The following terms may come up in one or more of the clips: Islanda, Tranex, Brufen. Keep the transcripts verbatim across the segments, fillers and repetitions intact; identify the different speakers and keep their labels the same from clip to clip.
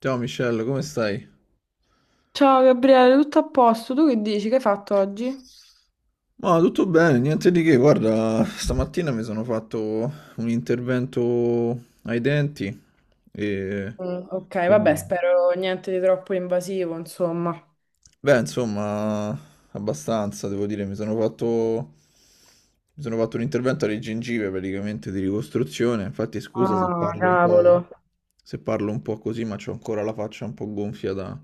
Speaker 1: Ciao Michelle, come stai?
Speaker 2: Ciao Gabriele, tutto a posto? Tu che dici? Che hai fatto oggi?
Speaker 1: Ma tutto bene, niente di che. Guarda, stamattina mi sono fatto un intervento ai denti e
Speaker 2: Mm, ok, vabbè,
Speaker 1: quindi,
Speaker 2: spero niente di troppo invasivo, insomma.
Speaker 1: beh, insomma, abbastanza, devo dire, mi sono fatto mi sono fatto un intervento alle gengive praticamente di ricostruzione. Infatti, scusa se
Speaker 2: Ah,
Speaker 1: parlo un
Speaker 2: cavolo.
Speaker 1: po' se parlo un po' così, ma c'ho ancora la faccia un po' gonfia da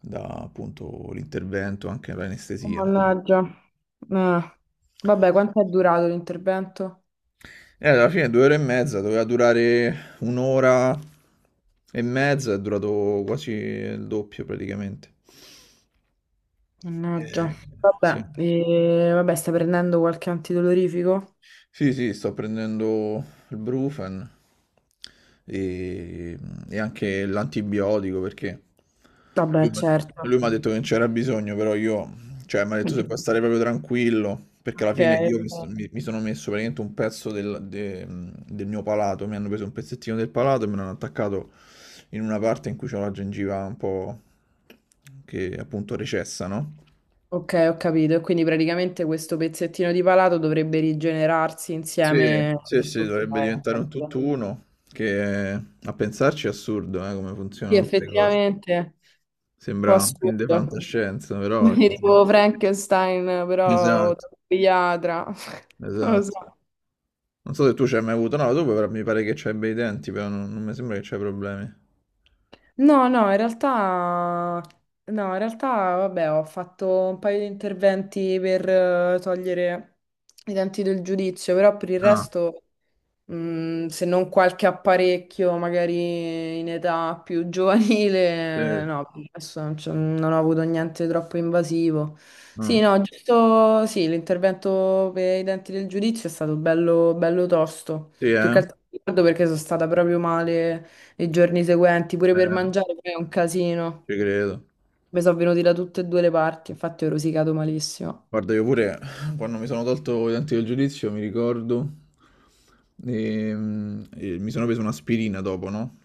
Speaker 1: da appunto l'intervento, anche
Speaker 2: Oh,
Speaker 1: l'anestesia.
Speaker 2: mannaggia. Ah. Vabbè, quanto è durato l'intervento?
Speaker 1: E alla fine due ore e mezza, doveva durare un'ora e mezza, è durato quasi il doppio praticamente.
Speaker 2: Mannaggia.
Speaker 1: Eh, sì.
Speaker 2: Vabbè, e- vabbè, stai prendendo qualche antidolorifico?
Speaker 1: Sì, sì, sto prendendo il Brufen e, e anche l'antibiotico perché lui,
Speaker 2: Vabbè,
Speaker 1: m'ha-
Speaker 2: certo.
Speaker 1: lui mi ha detto che non c'era bisogno, però io, cioè, mi ha detto se puoi stare proprio tranquillo, perché alla
Speaker 2: Ok.
Speaker 1: fine io mi, sto- mi- mi sono messo praticamente un pezzo del, de- del mio palato, mi hanno preso un pezzettino del palato e me l'hanno attaccato in una parte in cui c'ho la gengiva un po' che appunto recessa, no?
Speaker 2: Ok, ho capito. E quindi praticamente questo pezzettino di palato dovrebbe rigenerarsi
Speaker 1: Sì,
Speaker 2: insieme.
Speaker 1: sì, sì,
Speaker 2: Ok,
Speaker 1: dovrebbe
Speaker 2: ho
Speaker 1: diventare un
Speaker 2: capito.
Speaker 1: tutt'uno, che a pensarci è assurdo, eh, come
Speaker 2: Sì,
Speaker 1: funzionano queste cose.
Speaker 2: effettivamente, un po'
Speaker 1: Sembra un film di
Speaker 2: assurdo.
Speaker 1: fantascienza, però è così.
Speaker 2: Tipo Frankenstein, però
Speaker 1: Esatto,
Speaker 2: da pediatra. Non lo so.
Speaker 1: esatto. Non so se tu ci hai mai avuto, no, tu però mi pare che c'hai bei denti, però non, non mi sembra che c'hai problemi.
Speaker 2: No, no, in realtà, no, in realtà, vabbè, ho fatto un paio di interventi per eh, togliere i denti del giudizio, però per il
Speaker 1: Ah,
Speaker 2: resto. Mm, se non qualche apparecchio magari in età più
Speaker 1: sì,
Speaker 2: giovanile, no, adesso non, c'ho- non ho avuto niente troppo invasivo. Sì,
Speaker 1: ah.
Speaker 2: no, giusto, sì, l'intervento per i denti del giudizio è stato bello, bello tosto.
Speaker 1: Sì,
Speaker 2: Più
Speaker 1: eh?
Speaker 2: che altro mi ricordo perché sono stata proprio male i giorni seguenti, pure
Speaker 1: Eh,
Speaker 2: per mangiare poi è un casino.
Speaker 1: ci credo.
Speaker 2: Mi sono venuti da tutte e due le parti, infatti ho rosicato malissimo.
Speaker 1: Guarda, io pure quando mi sono tolto i denti del giudizio, mi ricordo, ehm, e mi sono preso un'aspirina dopo, no?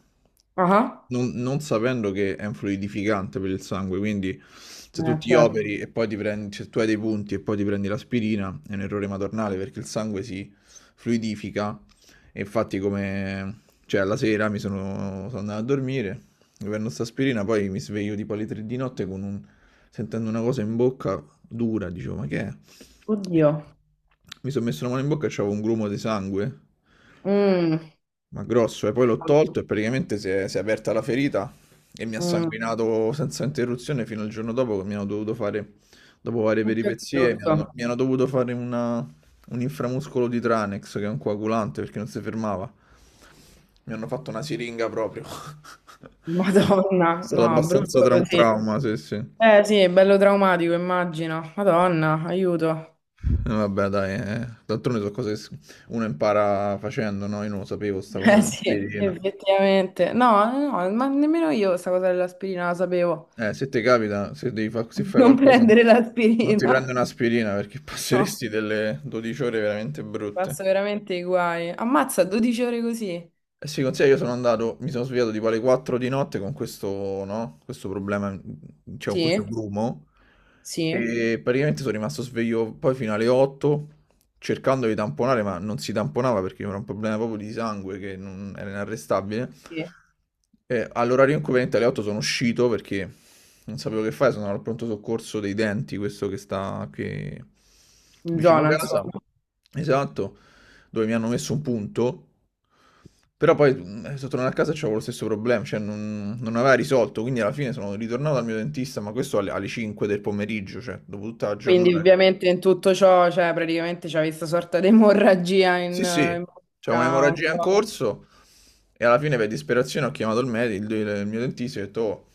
Speaker 2: Ah,
Speaker 1: non, non sapendo che è un fluidificante per il sangue, quindi se
Speaker 2: ah.
Speaker 1: tu
Speaker 2: Eh,
Speaker 1: ti Mm.
Speaker 2: certo.
Speaker 1: operi e poi ti prendi, se tu hai dei punti e poi ti prendi l'aspirina, è un errore madornale perché il sangue si fluidifica e infatti come, cioè alla sera mi sono, sono andato a dormire, mi prendo questa aspirina, poi mi sveglio tipo alle tre di notte con un, sentendo una cosa in bocca dura, dicevo ma che è?
Speaker 2: Oddio.
Speaker 1: Mi sono messo la mano in bocca e c'avevo un grumo di sangue
Speaker 2: Mm.
Speaker 1: ma grosso, e poi l'ho tolto e praticamente si è, si è aperta la ferita e mi ha
Speaker 2: Mm.
Speaker 1: sanguinato senza interruzione fino al giorno dopo che mi hanno dovuto fare, dopo varie
Speaker 2: Oddio, che
Speaker 1: peripezie, mi hanno,
Speaker 2: brutto.
Speaker 1: mi hanno dovuto fare una- un inframuscolo di Tranex che è un coagulante perché non si fermava. Mi hanno fatto una siringa proprio. È
Speaker 2: Madonna,
Speaker 1: stato
Speaker 2: no,
Speaker 1: abbastanza
Speaker 2: brutto
Speaker 1: tra un
Speaker 2: così.
Speaker 1: trauma, sì, sì. Eh,
Speaker 2: Eh sì, è bello traumatico, immagino. Madonna, aiuto.
Speaker 1: vabbè, dai, eh. D'altronde sono cose che s- uno impara facendo, no? Io non lo sapevo, sta cosa
Speaker 2: Eh sì,
Speaker 1: dell'aspirina.
Speaker 2: effettivamente. No, no, ma nemmeno io sta cosa dell'aspirina la sapevo.
Speaker 1: Eh, se ti capita, se devi fa- se fai
Speaker 2: Non
Speaker 1: qualcosa,
Speaker 2: prendere
Speaker 1: non ti prendi
Speaker 2: l'aspirina.
Speaker 1: un'aspirina perché
Speaker 2: No,
Speaker 1: passeresti delle dodici ore veramente
Speaker 2: mi
Speaker 1: brutte.
Speaker 2: passo veramente i guai. Ammazza, dodici ore così.
Speaker 1: Eh sì, consiglia, io sono andato, mi sono svegliato tipo alle quattro di notte con questo, no? Questo problema, cioè con questo
Speaker 2: Sì,
Speaker 1: grumo,
Speaker 2: sì,
Speaker 1: e praticamente sono rimasto sveglio poi fino alle otto, cercando di tamponare, ma non si tamponava perché era un problema proprio di sangue che non- era inarrestabile.
Speaker 2: sì.
Speaker 1: E all'orario inconveniente alle otto sono uscito perché non sapevo che fare, sono andato al pronto soccorso dei denti, questo che sta qui
Speaker 2: In
Speaker 1: vicino
Speaker 2: zona,
Speaker 1: casa.
Speaker 2: insomma.
Speaker 1: Esatto, dove mi hanno messo un punto, però poi mm, sono tornato a casa e c'avevo lo stesso problema, cioè non, non aveva risolto, quindi alla fine sono ritornato dal mio dentista, ma questo alle, alle cinque del pomeriggio, cioè dopo tutta la
Speaker 2: Quindi
Speaker 1: giornata.
Speaker 2: ovviamente in tutto ciò, cioè praticamente c'è questa sorta di emorragia in,
Speaker 1: Sì, sì,
Speaker 2: in
Speaker 1: c'è
Speaker 2: bocca un
Speaker 1: un'emorragia in
Speaker 2: po'.
Speaker 1: corso e alla fine per disperazione ho chiamato il medico, il, il mio dentista e ho detto, "Oh,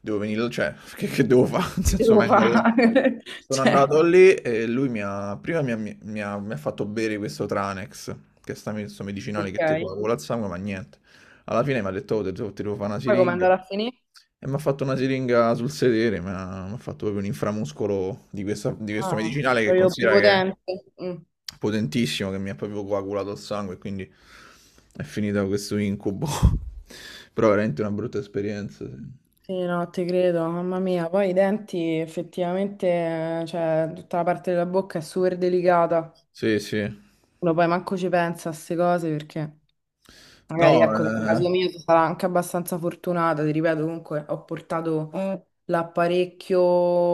Speaker 1: devo venire, cioè, che, che devo fare? Nel
Speaker 2: Che
Speaker 1: senso,
Speaker 2: devo
Speaker 1: vengo là.
Speaker 2: fare?
Speaker 1: Sono
Speaker 2: Cioè,
Speaker 1: andato lì e lui mi ha, prima mi ha, mi ha- mi ha fatto bere questo Tranex, che è sta- sto medicinale
Speaker 2: ok.
Speaker 1: che ti coagula il sangue, ma niente. Alla fine mi ha detto, oh, te- te- ti devo fare una
Speaker 2: Poi come
Speaker 1: siringa.
Speaker 2: andare a finire?
Speaker 1: E mi ha fatto una siringa sul sedere, mi ha, mi ha fatto proprio un inframuscolo di questa- di questo
Speaker 2: Ah,
Speaker 1: medicinale che
Speaker 2: proprio
Speaker 1: considera che è
Speaker 2: prepotente. Mm.
Speaker 1: potentissimo, che mi ha proprio coagulato il sangue, e quindi è finita questo incubo. Però veramente una brutta esperienza.
Speaker 2: Sì, no, ti credo, mamma mia. Poi i denti, effettivamente, eh, cioè, tutta la parte della bocca è super delicata.
Speaker 1: Sì, sì. Sì.
Speaker 2: Uno poi manco ci pensa a queste cose perché
Speaker 1: No,
Speaker 2: magari, ecco, nel
Speaker 1: eh,
Speaker 2: caso mio sono stata anche abbastanza fortunata. Ti ripeto, comunque, ho portato. Mm. L'apparecchio,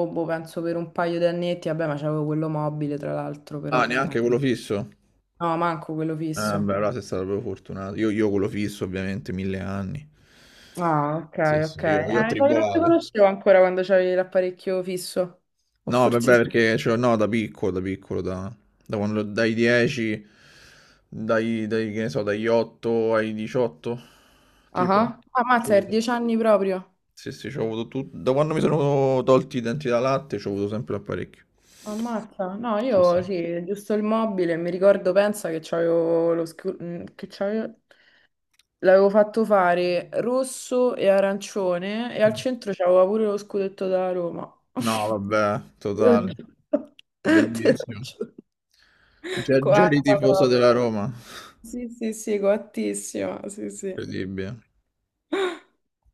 Speaker 2: boh, penso per un paio di annetti. Vabbè, ma c'avevo quello mobile, tra l'altro,
Speaker 1: ah,
Speaker 2: però,
Speaker 1: neanche
Speaker 2: ecco.
Speaker 1: quello fisso.
Speaker 2: No, manco quello
Speaker 1: Eh, beh,
Speaker 2: fisso.
Speaker 1: allora sei stato proprio fortunato. Io, io quello fisso, ovviamente, mille anni.
Speaker 2: Ah, ok,
Speaker 1: Sì, sì,
Speaker 2: ok.
Speaker 1: io,
Speaker 2: Eh,
Speaker 1: io ho
Speaker 2: sai che non ti
Speaker 1: tribolato.
Speaker 2: conoscevo ancora quando c'avevi l'apparecchio fisso. O
Speaker 1: No, vabbè,
Speaker 2: forse sì.
Speaker 1: perché cioè, no, da piccolo, da piccolo, da, da quando, dai dieci, dai, dai, che ne so, dagli otto ai diciotto,
Speaker 2: Ah,
Speaker 1: tipo.
Speaker 2: ah.
Speaker 1: C'ho
Speaker 2: Ammazza, per
Speaker 1: avuto-
Speaker 2: dieci anni proprio.
Speaker 1: Sì, sì, c'ho avuto tutto. Da quando mi sono tolti i denti da latte, c'ho avuto sempre l'apparecchio.
Speaker 2: Ammazza. No,
Speaker 1: Sì,
Speaker 2: io
Speaker 1: sì.
Speaker 2: sì, giusto il mobile. Mi ricordo, pensa che c'avevo lo scu- mm, che c'avevo... L'avevo fatto fare rosso e arancione e al centro c'aveva pure lo scudetto da Roma.
Speaker 1: No, vabbè,
Speaker 2: Te lo
Speaker 1: totale.
Speaker 2: giuro. Te lo
Speaker 1: Bellissimo.
Speaker 2: giuro.
Speaker 1: Già, già
Speaker 2: Coatta
Speaker 1: eri tifoso della
Speaker 2: proprio.
Speaker 1: Roma.
Speaker 2: Sì, sì, sì, coattissima. Sì, sì.
Speaker 1: Incredibile.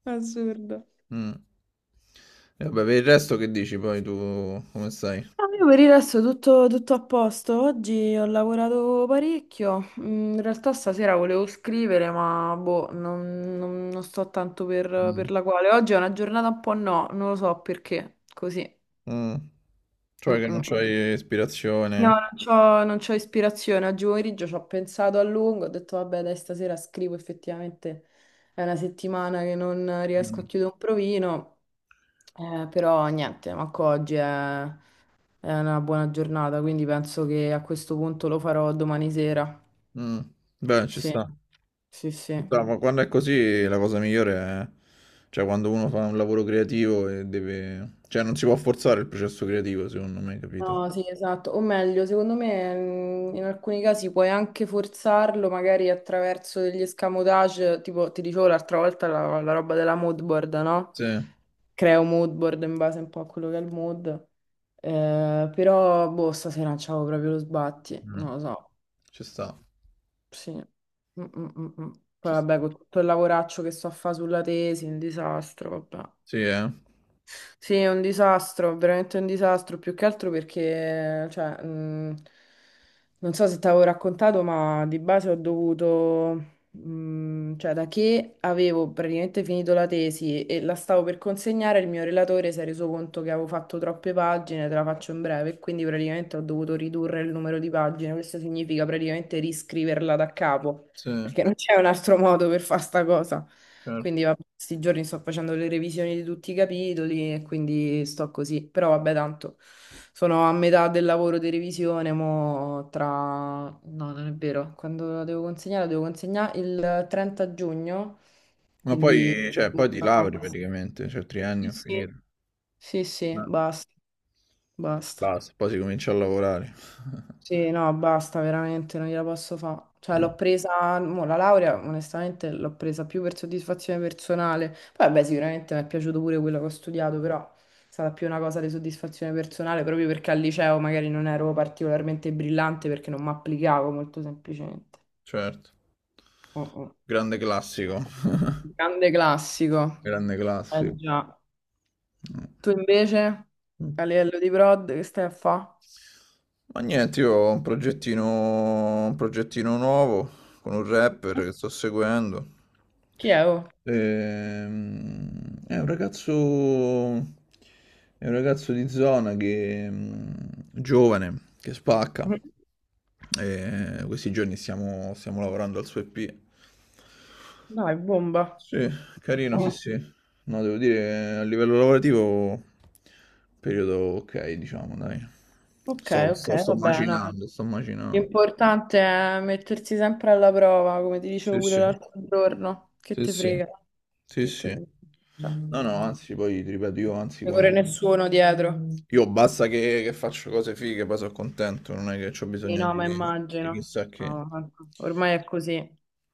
Speaker 2: Assurdo.
Speaker 1: Mm. E vabbè, per il resto che dici poi tu, come stai?
Speaker 2: No, io per il resto tutto, tutto a posto. Oggi ho lavorato parecchio. Mm, in realtà stasera volevo scrivere, ma boh, non, non- non sto tanto per, per la quale. Oggi è una giornata un po' no, non lo so perché. Così.
Speaker 1: Mh. Cioè
Speaker 2: Mm,
Speaker 1: che non
Speaker 2: mm.
Speaker 1: c'hai
Speaker 2: No,
Speaker 1: ispirazione.
Speaker 2: non c'ho, non c'ho ispirazione. Oggi pomeriggio ci ho pensato a lungo. Ho detto, vabbè, dai, stasera scrivo. Effettivamente è una settimana che non riesco a
Speaker 1: Mh.
Speaker 2: chiudere un provino. Eh, però niente, manco oggi è, è una buona giornata, quindi penso che a questo punto lo farò domani sera.
Speaker 1: Mh. Beh, ci
Speaker 2: Sì,
Speaker 1: sta.
Speaker 2: sì,
Speaker 1: Ci
Speaker 2: sì.
Speaker 1: sta, ma quando è così la cosa migliore è cioè quando uno fa un lavoro creativo e deve cioè non si può forzare il processo creativo secondo me, capito?
Speaker 2: No, sì, esatto. O meglio, secondo me mm, in alcuni casi puoi anche forzarlo, magari attraverso degli escamotage, tipo ti dicevo l'altra volta la, la roba della mood board, no?
Speaker 1: Sì.
Speaker 2: Creo mood board in base un po' a quello che è il mood. Eh, però, boh, stasera non c'avevo proprio lo sbatti,
Speaker 1: Mh.
Speaker 2: non lo so.
Speaker 1: Ci sta,
Speaker 2: Sì. Mm, mm, mm, mm. Poi
Speaker 1: ci sta.
Speaker 2: vabbè, con tutto il lavoraccio che sto a fare sulla tesi, un disastro, vabbè.
Speaker 1: Sì, eh.
Speaker 2: Sì, è un disastro, veramente un disastro, più che altro perché, cioè, mh, non so se ti avevo raccontato, ma di base ho dovuto, mh, cioè, da che avevo praticamente finito la tesi e la stavo per consegnare, il mio relatore si è reso conto che avevo fatto troppe pagine, te la faccio in breve, e quindi praticamente ho dovuto ridurre il numero di pagine. Questo significa praticamente riscriverla da capo,
Speaker 1: Sì,
Speaker 2: perché non c'è un altro modo per fare sta cosa.
Speaker 1: certo.
Speaker 2: Quindi vabbè, questi giorni sto facendo le revisioni di tutti i capitoli e quindi sto così. Però vabbè, tanto sono a metà del lavoro di revisione, mo tra... No, non è vero, quando la devo consegnare, la devo consegnare il trenta giugno,
Speaker 1: Ma
Speaker 2: quindi...
Speaker 1: poi cioè poi ti lauri praticamente, cioè
Speaker 2: Sì,
Speaker 1: triennio
Speaker 2: sì.
Speaker 1: finito.
Speaker 2: Sì, sì,
Speaker 1: Eh.
Speaker 2: basta, basta.
Speaker 1: Basta, poi si comincia a lavorare.
Speaker 2: Sì, no, basta, veramente, non gliela posso fare. Cioè,
Speaker 1: Mh.
Speaker 2: l'ho presa, mo, la laurea, onestamente, l'ho presa più per soddisfazione personale. Poi, vabbè, sicuramente mi è piaciuto pure quello che ho studiato, però è stata più una cosa di soddisfazione personale, proprio perché al liceo magari non ero particolarmente brillante perché non mi applicavo molto semplicemente.
Speaker 1: Certo.
Speaker 2: Oh, oh.
Speaker 1: Grande classico.
Speaker 2: Grande classico.
Speaker 1: Grande
Speaker 2: Eh
Speaker 1: classico.
Speaker 2: già. Tu invece,
Speaker 1: Mm.
Speaker 2: a livello di prod, che stai a fare?
Speaker 1: Ma niente, io ho un progettino, un progettino nuovo con un rapper che sto seguendo.
Speaker 2: Chi è? Oh?
Speaker 1: Ehm, è un ragazzo, è un ragazzo di zona che, mm, giovane, che spacca. E questi giorni stiamo, stiamo lavorando al suo E P.
Speaker 2: Dai, bomba.
Speaker 1: Sì, carino, sì, sì. No, devo dire, che a livello lavorativo, periodo ok, diciamo, dai.
Speaker 2: Ok,
Speaker 1: Sto,
Speaker 2: ok,
Speaker 1: sto, sto
Speaker 2: vabbè, no.
Speaker 1: macinando, sto macinando.
Speaker 2: L'importante è mettersi sempre alla prova, come ti dicevo
Speaker 1: Sì,
Speaker 2: pure
Speaker 1: sì,
Speaker 2: l'altro giorno. Che
Speaker 1: sì,
Speaker 2: te
Speaker 1: sì,
Speaker 2: frega?
Speaker 1: sì,
Speaker 2: Che te...
Speaker 1: sì.
Speaker 2: Cioè, non
Speaker 1: No, no, anzi, poi ti ripeto, io anzi,
Speaker 2: ti corre
Speaker 1: quando...
Speaker 2: nessuno dietro.
Speaker 1: Io basta che, che faccio cose fighe, poi sono contento, non è che ho
Speaker 2: Sì,
Speaker 1: bisogno
Speaker 2: no,
Speaker 1: di,
Speaker 2: ma
Speaker 1: di
Speaker 2: immagino.
Speaker 1: chissà che.
Speaker 2: No, ma ormai è così.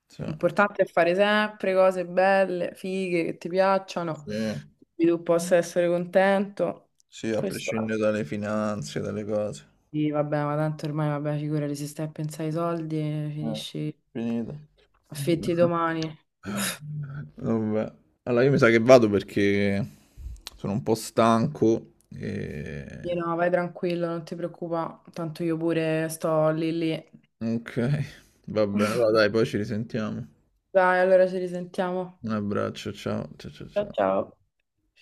Speaker 1: Sì,
Speaker 2: L'importante è fare sempre cose belle, fighe, che ti piacciono,
Speaker 1: sì,
Speaker 2: di cui tu possa essere contento.
Speaker 1: sì, a
Speaker 2: Questo è.
Speaker 1: prescindere dalle finanze, dalle cose.
Speaker 2: Sì, vabbè, ma tanto ormai, vabbè, figurati, se stai a pensare ai soldi, eh,
Speaker 1: Eh,
Speaker 2: finisci
Speaker 1: finito.
Speaker 2: affetti domani.
Speaker 1: Vabbè. Allora io mi sa che vado perché sono un po' stanco e...
Speaker 2: Sì, no, vai tranquillo, non ti preoccupa, tanto io pure sto lì lì.
Speaker 1: Ok, va bene, allora dai, poi ci risentiamo.
Speaker 2: Dai, allora ci risentiamo.
Speaker 1: Un abbraccio, ciao, ciao, ciao,
Speaker 2: Ciao
Speaker 1: ciao.
Speaker 2: ciao.